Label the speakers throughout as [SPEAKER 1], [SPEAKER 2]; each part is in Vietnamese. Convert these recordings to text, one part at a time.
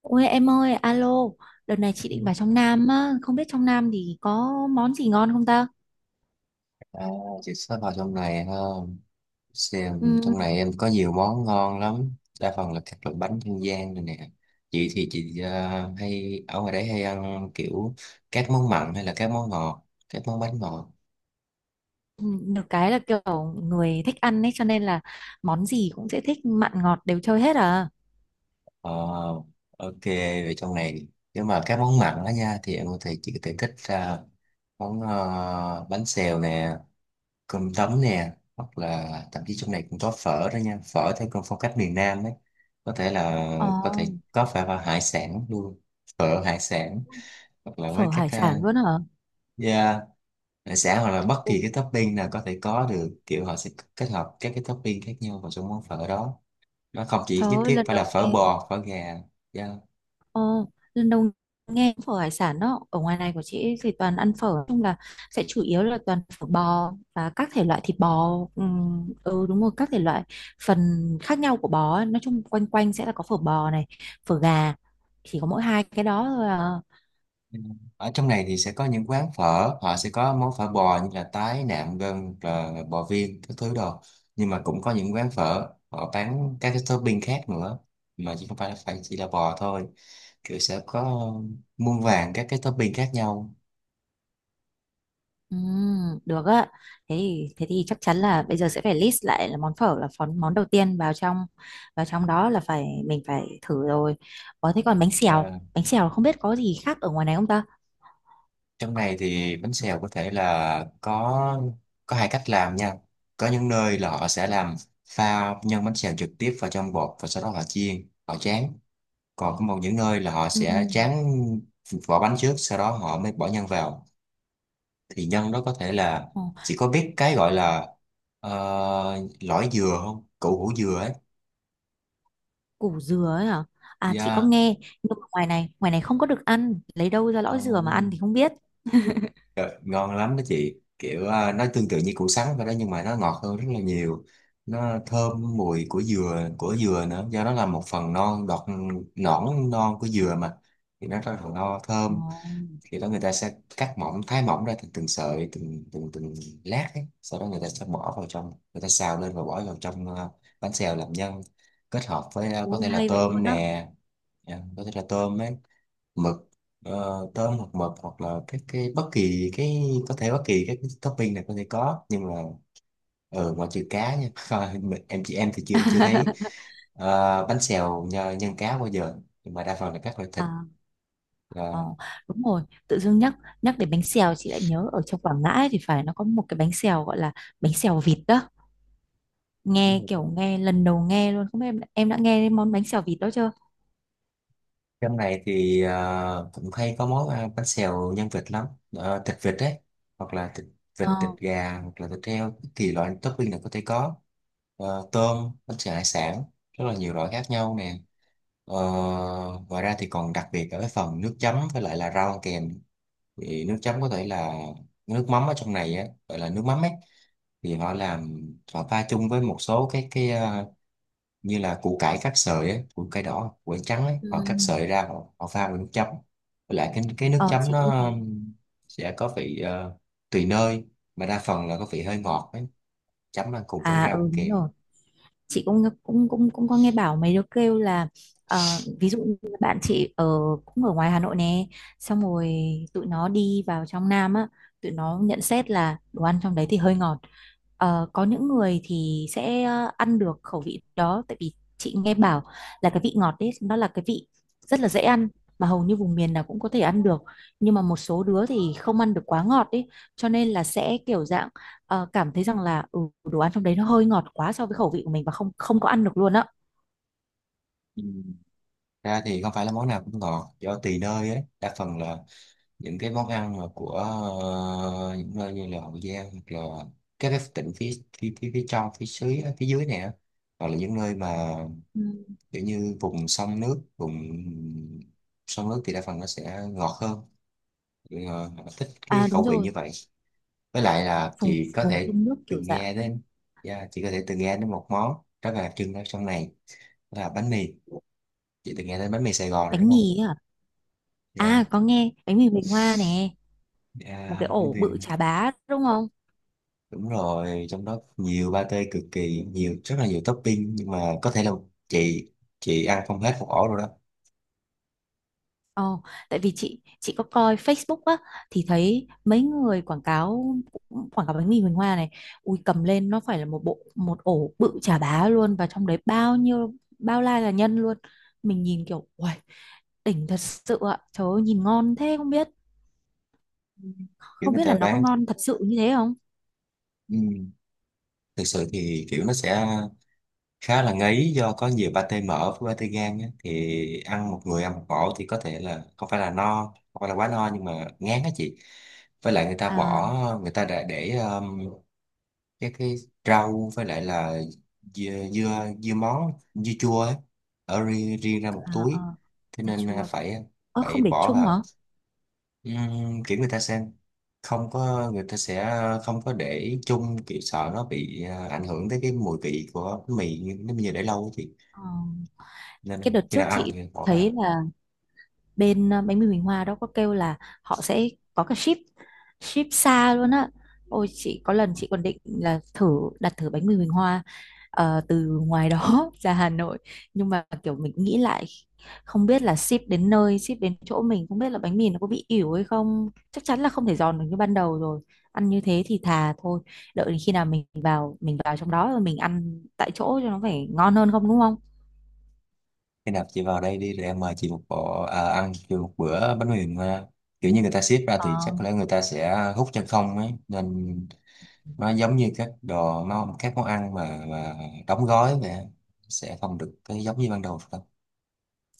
[SPEAKER 1] Ôi em ơi, alo, đợt này chị
[SPEAKER 2] Ừ.
[SPEAKER 1] định vào trong Nam á, không biết trong Nam thì có món gì ngon không ta?
[SPEAKER 2] À, chị sẽ vào trong này ha. Xem trong
[SPEAKER 1] Ừm,
[SPEAKER 2] này em có nhiều món ngon lắm. Đa phần là các loại bánh dân gian này nè. Chị thì chị hay ở ngoài đấy hay ăn kiểu các món mặn hay là các món ngọt, các món bánh ngọt.
[SPEAKER 1] được cái là kiểu người thích ăn ấy cho nên là món gì cũng sẽ thích mặn ngọt đều chơi hết à.
[SPEAKER 2] Ờ, ok, về trong này nếu mà các món mặn đó nha thì em có thể chị có thể thích ra món bánh xèo nè, cơm tấm nè, hoặc là thậm chí trong này cũng có phở đó nha. Phở theo con phong cách miền Nam ấy có thể là
[SPEAKER 1] Ồ,
[SPEAKER 2] có thể có phải vào hải sản luôn, phở hải sản, hoặc là với
[SPEAKER 1] phở
[SPEAKER 2] các
[SPEAKER 1] hải sản luôn hả?
[SPEAKER 2] yeah, hải sản hoặc là bất kỳ
[SPEAKER 1] Ui,
[SPEAKER 2] cái topping nào có thể có được, kiểu họ sẽ kết hợp các cái topping khác nhau vào trong món phở đó. Nó không chỉ
[SPEAKER 1] trời
[SPEAKER 2] nhất
[SPEAKER 1] ơi,
[SPEAKER 2] thiết
[SPEAKER 1] lần
[SPEAKER 2] phải là
[SPEAKER 1] đầu
[SPEAKER 2] phở
[SPEAKER 1] nghe.
[SPEAKER 2] bò, phở gà. Yeah.
[SPEAKER 1] Ồ, lần đầu nghe phở hải sản đó. Ở ngoài này của chị thì toàn ăn phở, nói chung là sẽ chủ yếu là toàn phở bò và các thể loại thịt bò. Ừ đúng rồi, các thể loại phần khác nhau của bò ấy. Nói chung quanh quanh sẽ là có phở bò này, phở gà, chỉ có mỗi hai cái đó thôi à.
[SPEAKER 2] Ừ. Ở trong này thì sẽ có những quán phở, họ sẽ có món phở bò như là tái, nạm, gân, rồi bò viên, các thứ đồ. Nhưng mà cũng có những quán phở, họ bán các cái topping khác nữa. Mà chỉ không phải là phải chỉ là bò thôi. Kiểu sẽ có muôn vàn các cái topping khác nhau.
[SPEAKER 1] Được á, thế thì chắc chắn là bây giờ sẽ phải list lại là món phở là món món đầu tiên vào trong, vào trong đó là phải mình phải thử rồi. Ủa thế còn bánh xèo
[SPEAKER 2] À,
[SPEAKER 1] bánh xèo không biết có gì khác ở ngoài này không ta?
[SPEAKER 2] trong này thì bánh xèo có thể là có hai cách làm nha. Có những nơi là họ sẽ làm pha nhân bánh xèo trực tiếp vào trong bột và sau đó họ chiên, họ tráng. Còn có một những nơi là họ
[SPEAKER 1] Ừ.
[SPEAKER 2] sẽ tráng vỏ bánh trước sau đó họ mới bỏ nhân vào. Thì nhân đó có thể là
[SPEAKER 1] Ồ,
[SPEAKER 2] chỉ có biết cái gọi là lõi dừa không, củ hủ dừa ấy.
[SPEAKER 1] củ dừa ấy hả? À chị có
[SPEAKER 2] Yeah.
[SPEAKER 1] nghe, nhưng mà ngoài này không có được ăn, lấy đâu ra
[SPEAKER 2] Ờ,
[SPEAKER 1] lõi dừa mà ăn thì không biết.
[SPEAKER 2] ờ, ngon lắm đó chị, kiểu nó tương tự như củ sắn vậy đó nhưng mà nó ngọt hơn rất là nhiều. Nó thơm mùi của dừa nữa do nó là một phần non đọt, nõn non của dừa mà thì nó rất là no
[SPEAKER 1] Ồ,
[SPEAKER 2] thơm. Khi đó người ta sẽ cắt mỏng thái mỏng ra từng từng sợi, từng từng từng lát ấy. Sau đó người ta sẽ bỏ vào trong, người ta xào lên và bỏ vào trong bánh xèo làm nhân, kết hợp với có
[SPEAKER 1] ui
[SPEAKER 2] thể là
[SPEAKER 1] hay vậy luôn
[SPEAKER 2] tôm
[SPEAKER 1] á.
[SPEAKER 2] nè. Dạ, có thể là tôm ấy, mực, ờ, tôm hoặc mực hoặc là cái bất kỳ cái, có thể bất kỳ cái topping này có thể có nhưng mà ừ, ngoại trừ cá nha. Thôi, em, chị em thì chưa, em chưa thấy bánh xèo nhân cá bao giờ, nhưng mà đa phần là các loại thịt.
[SPEAKER 1] À, ờ,
[SPEAKER 2] Là
[SPEAKER 1] đúng rồi, tự dưng nhắc, nhắc đến bánh xèo chị lại nhớ ở trong Quảng Ngãi thì phải, nó có một cái bánh xèo gọi là bánh xèo vịt đó.
[SPEAKER 2] đúng
[SPEAKER 1] Nghe
[SPEAKER 2] rồi,
[SPEAKER 1] kiểu nghe lần đầu nghe luôn, không biết em đã nghe đến món bánh xèo vịt đó chưa?
[SPEAKER 2] trong này thì cũng hay có món ăn bánh xèo nhân vịt lắm. Ờ, thịt vịt đấy, hoặc là thịt vịt,
[SPEAKER 1] Ờ,
[SPEAKER 2] thịt gà hoặc là thịt heo thì loại topping này có thể có. Ờ, tôm, bánh xèo hải sản, rất là nhiều loại khác nhau nè. Ờ, ngoài ra thì còn đặc biệt ở cái phần nước chấm với lại là rau kèm. Thì nước chấm có thể là nước mắm, ở trong này á gọi là nước mắm ấy, thì họ làm họ pha chung với một số cái như là củ cải cắt sợi ấy, củ cải đỏ củ cải trắng ấy,
[SPEAKER 1] ừ.
[SPEAKER 2] họ cắt sợi ra họ, họ pha với nước chấm. Với lại cái nước
[SPEAKER 1] Ờ
[SPEAKER 2] chấm
[SPEAKER 1] chị cũng
[SPEAKER 2] nó
[SPEAKER 1] thấy.
[SPEAKER 2] sẽ có vị tùy nơi, mà đa phần là có vị hơi ngọt ấy, chấm ăn cùng với
[SPEAKER 1] À
[SPEAKER 2] rau
[SPEAKER 1] ừ
[SPEAKER 2] ăn
[SPEAKER 1] đúng
[SPEAKER 2] kèm.
[SPEAKER 1] rồi. Chị cũng cũng cũng cũng có nghe bảo mấy đứa kêu là, ví dụ như bạn chị ở, cũng ở ngoài Hà Nội nè, xong rồi tụi nó đi vào trong Nam á, tụi nó nhận xét là đồ ăn trong đấy thì hơi ngọt. Ờ, có những người thì sẽ ăn được khẩu vị đó, tại vì chị nghe bảo là cái vị ngọt đấy nó là cái vị rất là dễ ăn, mà hầu như vùng miền nào cũng có thể ăn được, nhưng mà một số đứa thì không ăn được quá ngọt ấy, cho nên là sẽ kiểu dạng cảm thấy rằng là ừ, đồ ăn trong đấy nó hơi ngọt quá so với khẩu vị của mình và không không có ăn được luôn á.
[SPEAKER 2] Ừ. Ra thì không phải là món nào cũng ngọt, do tùy nơi ấy. Đa phần là những cái món ăn mà của những nơi như là Hậu Giang hoặc là các cái tỉnh phía phía trong, phía dưới, này á, hoặc là những nơi mà
[SPEAKER 1] Ừ.
[SPEAKER 2] kiểu như vùng sông nước, thì đa phần nó sẽ ngọt hơn. Thì, ờ, họ thích cái
[SPEAKER 1] À đúng
[SPEAKER 2] khẩu vị
[SPEAKER 1] rồi,
[SPEAKER 2] như vậy. Với lại là
[SPEAKER 1] vùng
[SPEAKER 2] chị có
[SPEAKER 1] vùng
[SPEAKER 2] thể
[SPEAKER 1] sông nước kiểu
[SPEAKER 2] từng
[SPEAKER 1] dạng.
[SPEAKER 2] nghe đến, yeah, chị có thể từng nghe đến một món rất là đặc trưng ở trong này, đó là bánh mì. Chị từng nghe đến bánh mì Sài Gòn rồi
[SPEAKER 1] Bánh
[SPEAKER 2] đúng không?
[SPEAKER 1] mì ấy à? À,
[SPEAKER 2] Dạ.
[SPEAKER 1] có nghe bánh mì Bình Hoa nè. Một
[SPEAKER 2] Dạ
[SPEAKER 1] cái
[SPEAKER 2] bánh
[SPEAKER 1] ổ
[SPEAKER 2] mì,
[SPEAKER 1] bự chà bá đúng không?
[SPEAKER 2] đúng rồi, trong đó nhiều pate cực kỳ, nhiều rất là nhiều topping, nhưng mà có thể là chị chị ăn không hết một ổ rồi đó.
[SPEAKER 1] Ồ, tại vì chị có coi Facebook á thì thấy mấy người quảng cáo, quảng cáo bánh mì Huỳnh Hoa này, ui cầm lên nó phải là một bộ, một ổ bự chà bá luôn, và trong đấy bao nhiêu, bao la là nhân luôn. Mình nhìn kiểu uầy, đỉnh thật sự ạ. Trời ơi nhìn ngon thế không biết,
[SPEAKER 2] Kiểu
[SPEAKER 1] không
[SPEAKER 2] người
[SPEAKER 1] biết là
[SPEAKER 2] ta
[SPEAKER 1] nó có
[SPEAKER 2] bán.
[SPEAKER 1] ngon thật sự như thế không?
[SPEAKER 2] Ừ. Thực sự thì kiểu nó sẽ khá là ngấy do có nhiều pate mỡ với pate gan á. Thì ăn một, người ăn một ổ thì có thể là không phải là no, không phải là quá no, nhưng mà ngán á chị. Với lại người ta
[SPEAKER 1] À
[SPEAKER 2] bỏ, người ta đã để các cái rau với lại là dưa dưa, dưa món dưa chua ấy, ở riêng, riêng ra một
[SPEAKER 1] à
[SPEAKER 2] túi,
[SPEAKER 1] à,
[SPEAKER 2] thế
[SPEAKER 1] dưa
[SPEAKER 2] nên
[SPEAKER 1] chua.
[SPEAKER 2] phải
[SPEAKER 1] Ơ không
[SPEAKER 2] phải
[SPEAKER 1] để
[SPEAKER 2] bỏ
[SPEAKER 1] chung hả?
[SPEAKER 2] vào. Kiểu người ta sẽ không có, người ta sẽ không có để chung, kiểu sợ nó bị ảnh hưởng tới cái mùi vị của bánh mì nếu như để lâu á chị,
[SPEAKER 1] Ờ, cái
[SPEAKER 2] nên
[SPEAKER 1] đợt
[SPEAKER 2] khi
[SPEAKER 1] trước
[SPEAKER 2] nào ăn
[SPEAKER 1] chị
[SPEAKER 2] thì bỏ
[SPEAKER 1] thấy
[SPEAKER 2] vào.
[SPEAKER 1] là bên bánh mì Huỳnh Hoa đó có kêu là họ sẽ có cả ship, ship xa luôn á. Ôi chị có lần chị còn định là thử đặt thử bánh mì Huỳnh Hoa từ ngoài đó ra Hà Nội, nhưng mà kiểu mình nghĩ lại, không biết là ship đến nơi, ship đến chỗ mình, không biết là bánh mì nó có bị ỉu hay không, chắc chắn là không thể giòn được như ban đầu rồi. Ăn như thế thì thà thôi, đợi đến khi nào mình vào trong đó rồi mình ăn tại chỗ cho nó phải ngon hơn không đúng không?
[SPEAKER 2] Khi nào chị vào đây đi rồi em mời chị một bộ ăn chị một bữa bánh mì mà kiểu như người ta xếp ra thì
[SPEAKER 1] Ờ.
[SPEAKER 2] chắc có lẽ người ta sẽ hút chân không ấy, nên nó giống như các đồ, nó các món ăn mà, đóng gói mà sẽ không được cái giống như ban đầu.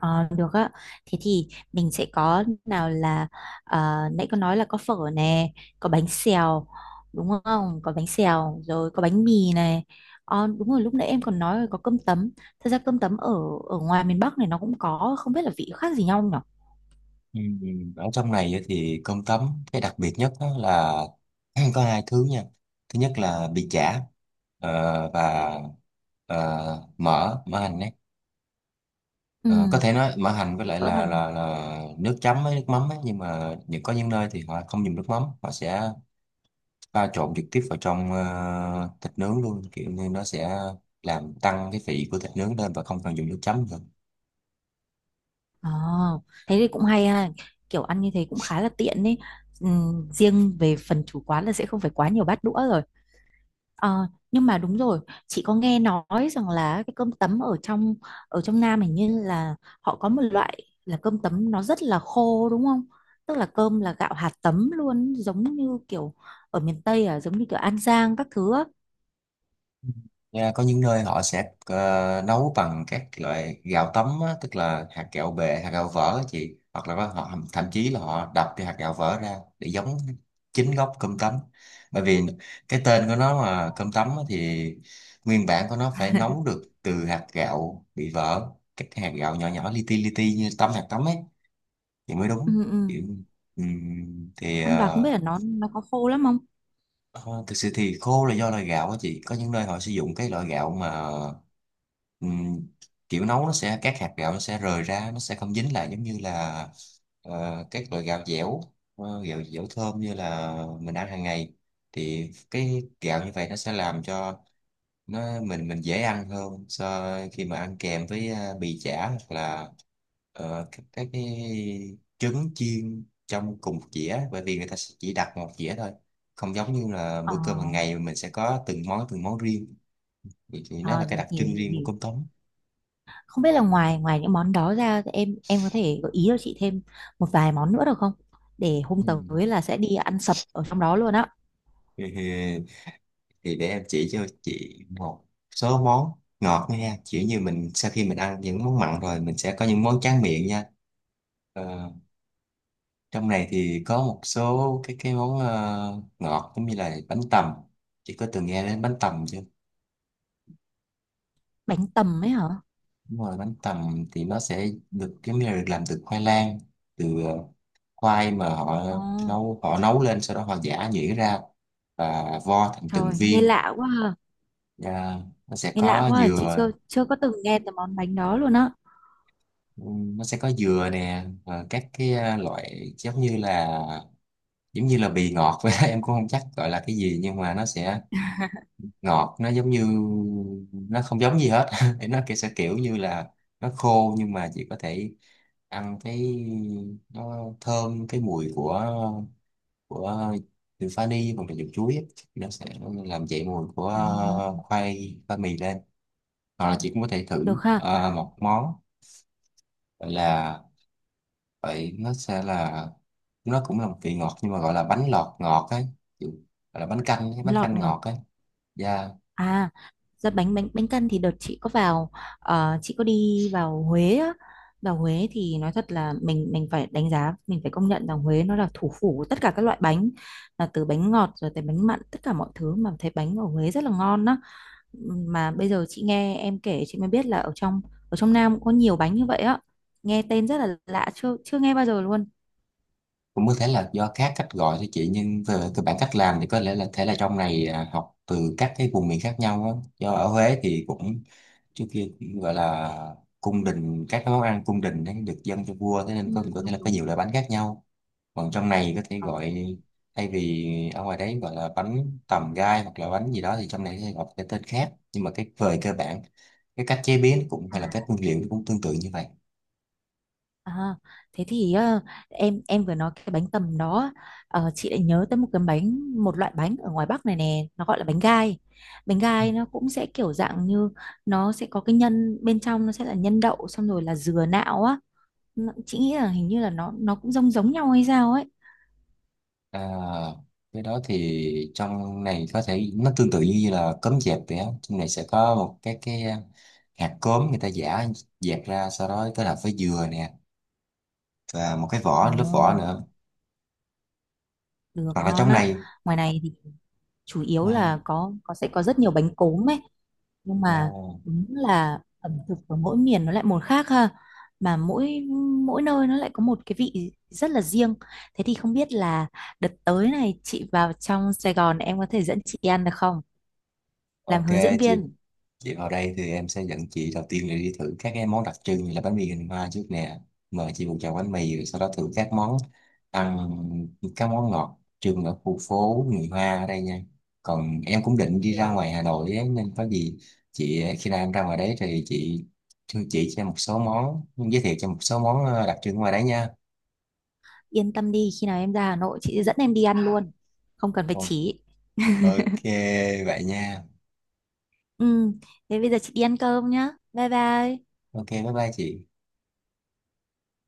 [SPEAKER 1] Ờ, được á. Thế thì mình sẽ có nào là, nãy có nói là có phở nè, có bánh xèo, đúng không? Có bánh xèo rồi, có bánh mì này. Ờ, đúng rồi lúc nãy em còn nói là có cơm tấm. Thật ra cơm tấm ở, ở ngoài miền Bắc này nó cũng có, không biết là vị khác gì nhau nhỉ?
[SPEAKER 2] Ừ, ở trong này á thì cơm tấm, cái đặc biệt nhất đó là có hai thứ nha. Thứ nhất là bì chả, và mỡ mỡ hành ấy.
[SPEAKER 1] Ừ,
[SPEAKER 2] Ờ, có thể nói mỡ hành với lại
[SPEAKER 1] phở
[SPEAKER 2] là
[SPEAKER 1] hành.
[SPEAKER 2] là nước chấm với nước mắm ấy, nhưng mà những có những nơi thì họ không dùng nước mắm, họ sẽ pha trộn trực tiếp vào trong thịt nướng luôn, kiểu như nó sẽ làm tăng cái vị của thịt nướng lên và không cần dùng nước chấm nữa.
[SPEAKER 1] Ờ, thế thì cũng hay ha. Kiểu ăn như thế cũng khá là tiện ấy. Ừ, riêng về phần chủ quán là sẽ không phải quá nhiều bát đũa rồi. Ờ, nhưng mà đúng rồi, chị có nghe nói rằng là cái cơm tấm ở trong, ở trong Nam hình như là họ có một loại là cơm tấm nó rất là khô đúng không? Tức là cơm là gạo hạt tấm luôn, giống như kiểu ở miền Tây à, giống như kiểu An Giang các thứ á.
[SPEAKER 2] Nha, có những nơi họ sẽ nấu bằng các loại gạo tấm á, tức là hạt gạo bề, hạt gạo vỡ á chị, hoặc là họ thậm chí là họ đập cái hạt gạo vỡ ra để giống chính gốc cơm tấm. Bởi vì cái tên của nó mà cơm tấm á, thì nguyên bản của nó phải nấu được từ hạt gạo bị vỡ, các hạt gạo nhỏ nhỏ, li ti như tấm, hạt tấm ấy thì mới
[SPEAKER 1] Ừ,
[SPEAKER 2] đúng.
[SPEAKER 1] ừ.
[SPEAKER 2] Kiểu, thì
[SPEAKER 1] Ăn vào không biết là nó có khô lắm không?
[SPEAKER 2] ờ, thực sự thì khô là do loại gạo á chị, có những nơi họ sử dụng cái loại gạo mà ừm, kiểu nấu nó sẽ, các hạt gạo nó sẽ rời ra, nó sẽ không dính lại giống như là các loại gạo dẻo, gạo dẻo thơm như là mình ăn hàng ngày. Thì cái gạo như vậy nó sẽ làm cho nó mình dễ ăn hơn so khi mà ăn kèm với bì chả hoặc là các cái trứng chiên trong cùng một dĩa, bởi vì người ta sẽ chỉ đặt một dĩa thôi, không giống như là
[SPEAKER 1] Ờ,
[SPEAKER 2] bữa cơm hàng ngày mình sẽ có từng món, riêng. Thì nó là
[SPEAKER 1] ờ,
[SPEAKER 2] cái đặc
[SPEAKER 1] hiểu
[SPEAKER 2] trưng
[SPEAKER 1] hiểu
[SPEAKER 2] riêng của
[SPEAKER 1] hiểu.
[SPEAKER 2] cơm tấm.
[SPEAKER 1] Không biết là ngoài ngoài những món đó ra thì em có thể gợi ý cho chị thêm một vài món nữa được không? Để hôm
[SPEAKER 2] Ừ.
[SPEAKER 1] tới là sẽ đi ăn sập ở trong đó luôn á.
[SPEAKER 2] thì, để em chỉ cho chị một số món ngọt nha, kiểu như mình sau khi mình ăn những món mặn rồi mình sẽ có những món tráng miệng nha. Ờ, trong này thì có một số cái món ngọt, giống như là bánh tằm. Chị có từng nghe đến bánh tằm chưa?
[SPEAKER 1] Bánh tầm ấy hả?
[SPEAKER 2] Đúng rồi, bánh tằm thì nó sẽ được giống như là được làm từ khoai lang, từ khoai mà họ
[SPEAKER 1] Ờ,
[SPEAKER 2] nấu, lên, sau đó họ giã nhuyễn ra và vo thành từng
[SPEAKER 1] trời, nghe
[SPEAKER 2] viên.
[SPEAKER 1] lạ quá ha.
[SPEAKER 2] Và nó sẽ
[SPEAKER 1] Nghe lạ
[SPEAKER 2] có
[SPEAKER 1] quá ha. Chị
[SPEAKER 2] dừa,
[SPEAKER 1] chưa chưa có từng nghe tới món bánh đó luôn á.
[SPEAKER 2] nó sẽ có dừa nè, và các cái loại giống như là, giống như là bì ngọt vậy đó. Em cũng không chắc gọi là cái gì nhưng mà nó sẽ ngọt, nó giống như, nó không giống gì hết. Thì nó kiểu sẽ kiểu như là nó khô, nhưng mà chỉ có thể ăn cái, nó thơm cái mùi của, từ vani hoặc là dùng chuối ấy. Nó sẽ làm dậy mùi của
[SPEAKER 1] Ồ,
[SPEAKER 2] khoai, mì lên. Hoặc là chị cũng có thể
[SPEAKER 1] được
[SPEAKER 2] thử
[SPEAKER 1] ha.
[SPEAKER 2] một món gọi là, vậy nó sẽ là, nó cũng là một vị ngọt nhưng mà gọi là bánh lọt ngọt ấy. Kiểu- gọi là bánh canh ấy, bánh
[SPEAKER 1] Lọt
[SPEAKER 2] canh
[SPEAKER 1] ngọt.
[SPEAKER 2] ngọt ấy. Dạ.
[SPEAKER 1] À, ra bánh bánh bánh căn thì đợt chị có vào, chị có đi vào Huế á. Vào Huế thì nói thật là mình phải đánh giá, mình phải công nhận rằng Huế nó là thủ phủ của tất cả các loại bánh, là từ bánh ngọt rồi tới bánh mặn, tất cả mọi thứ, mà thấy bánh ở Huế rất là ngon á. Mà bây giờ chị nghe em kể chị mới biết là ở trong, ở trong Nam cũng có nhiều bánh như vậy á, nghe tên rất là lạ, chưa chưa nghe bao giờ luôn.
[SPEAKER 2] Cũng có thể là do các cách gọi thôi chị, nhưng về cơ bản cách làm thì có lẽ là thể là trong này học từ các cái vùng miền khác nhau á. Do ở Huế thì cũng trước kia cũng gọi là cung đình, các cái món ăn cung đình ấy được dâng cho vua, thế nên
[SPEAKER 1] Ừ,
[SPEAKER 2] có thể
[SPEAKER 1] đúng
[SPEAKER 2] là có
[SPEAKER 1] đúng.
[SPEAKER 2] nhiều loại bánh khác nhau. Còn trong này có thể
[SPEAKER 1] Ờ,
[SPEAKER 2] gọi thay vì ở ngoài đấy gọi là bánh tầm gai hoặc là bánh gì đó thì trong này sẽ gọi cái tên khác, nhưng mà cái về cơ bản cái cách chế biến cũng
[SPEAKER 1] À,
[SPEAKER 2] hay là các nguyên liệu cũng tương tự như vậy.
[SPEAKER 1] à, thế thì em vừa nói cái bánh tầm đó, chị lại nhớ tới một cái bánh, một loại bánh ở ngoài Bắc này nè, nó gọi là bánh gai. Bánh gai nó cũng sẽ kiểu dạng như, nó sẽ có cái nhân bên trong, nó sẽ là nhân đậu xong rồi là dừa nạo á. Nó- chị nghĩ là hình như là nó cũng giống giống nhau hay sao ấy.
[SPEAKER 2] À, cái đó thì trong này có thể nó tương tự như là cốm dẹp vậy á. Trong này sẽ có một cái hạt cốm, người ta giả dẹp ra sau đó kết hợp với dừa nè và một cái
[SPEAKER 1] Ồ.
[SPEAKER 2] vỏ, lớp vỏ nữa.
[SPEAKER 1] Được
[SPEAKER 2] Hoặc là
[SPEAKER 1] ngon
[SPEAKER 2] trong
[SPEAKER 1] á.
[SPEAKER 2] này
[SPEAKER 1] Ngoài này thì chủ yếu
[SPEAKER 2] à,
[SPEAKER 1] là có sẽ có rất nhiều bánh cốm ấy, nhưng mà
[SPEAKER 2] à,
[SPEAKER 1] đúng là ẩm thực của mỗi miền nó lại một khác ha. Mà mỗi mỗi nơi nó lại có một cái vị rất là riêng. Thế thì không biết là đợt tới này chị vào trong Sài Gòn em có thể dẫn chị đi ăn được không? Làm
[SPEAKER 2] ok
[SPEAKER 1] hướng dẫn
[SPEAKER 2] chị.
[SPEAKER 1] viên.
[SPEAKER 2] Đi vào đây thì em sẽ dẫn chị đầu tiên là đi thử các cái món đặc trưng như là bánh mì hình hoa trước nè. Mời chị một chào bánh mì rồi sau đó thử các món ăn, các món ngọt trưng ở khu phố người Hoa ở đây nha. Còn em cũng định đi ra
[SPEAKER 1] Được,
[SPEAKER 2] ngoài Hà Nội ấy, nên có gì chị, khi nào em ra ngoài đấy thì chị thưa chị cho em một số món, giới thiệu cho em một số món đặc trưng ngoài đấy nha.
[SPEAKER 1] yên tâm đi, khi nào em ra Hà Nội chị sẽ dẫn em đi ăn luôn. Không cần phải
[SPEAKER 2] Ừ.
[SPEAKER 1] chỉ.
[SPEAKER 2] Ok vậy nha.
[SPEAKER 1] Ừ, thế bây giờ chị đi ăn cơm nhá. Bye bye.
[SPEAKER 2] Ok bye bye chị.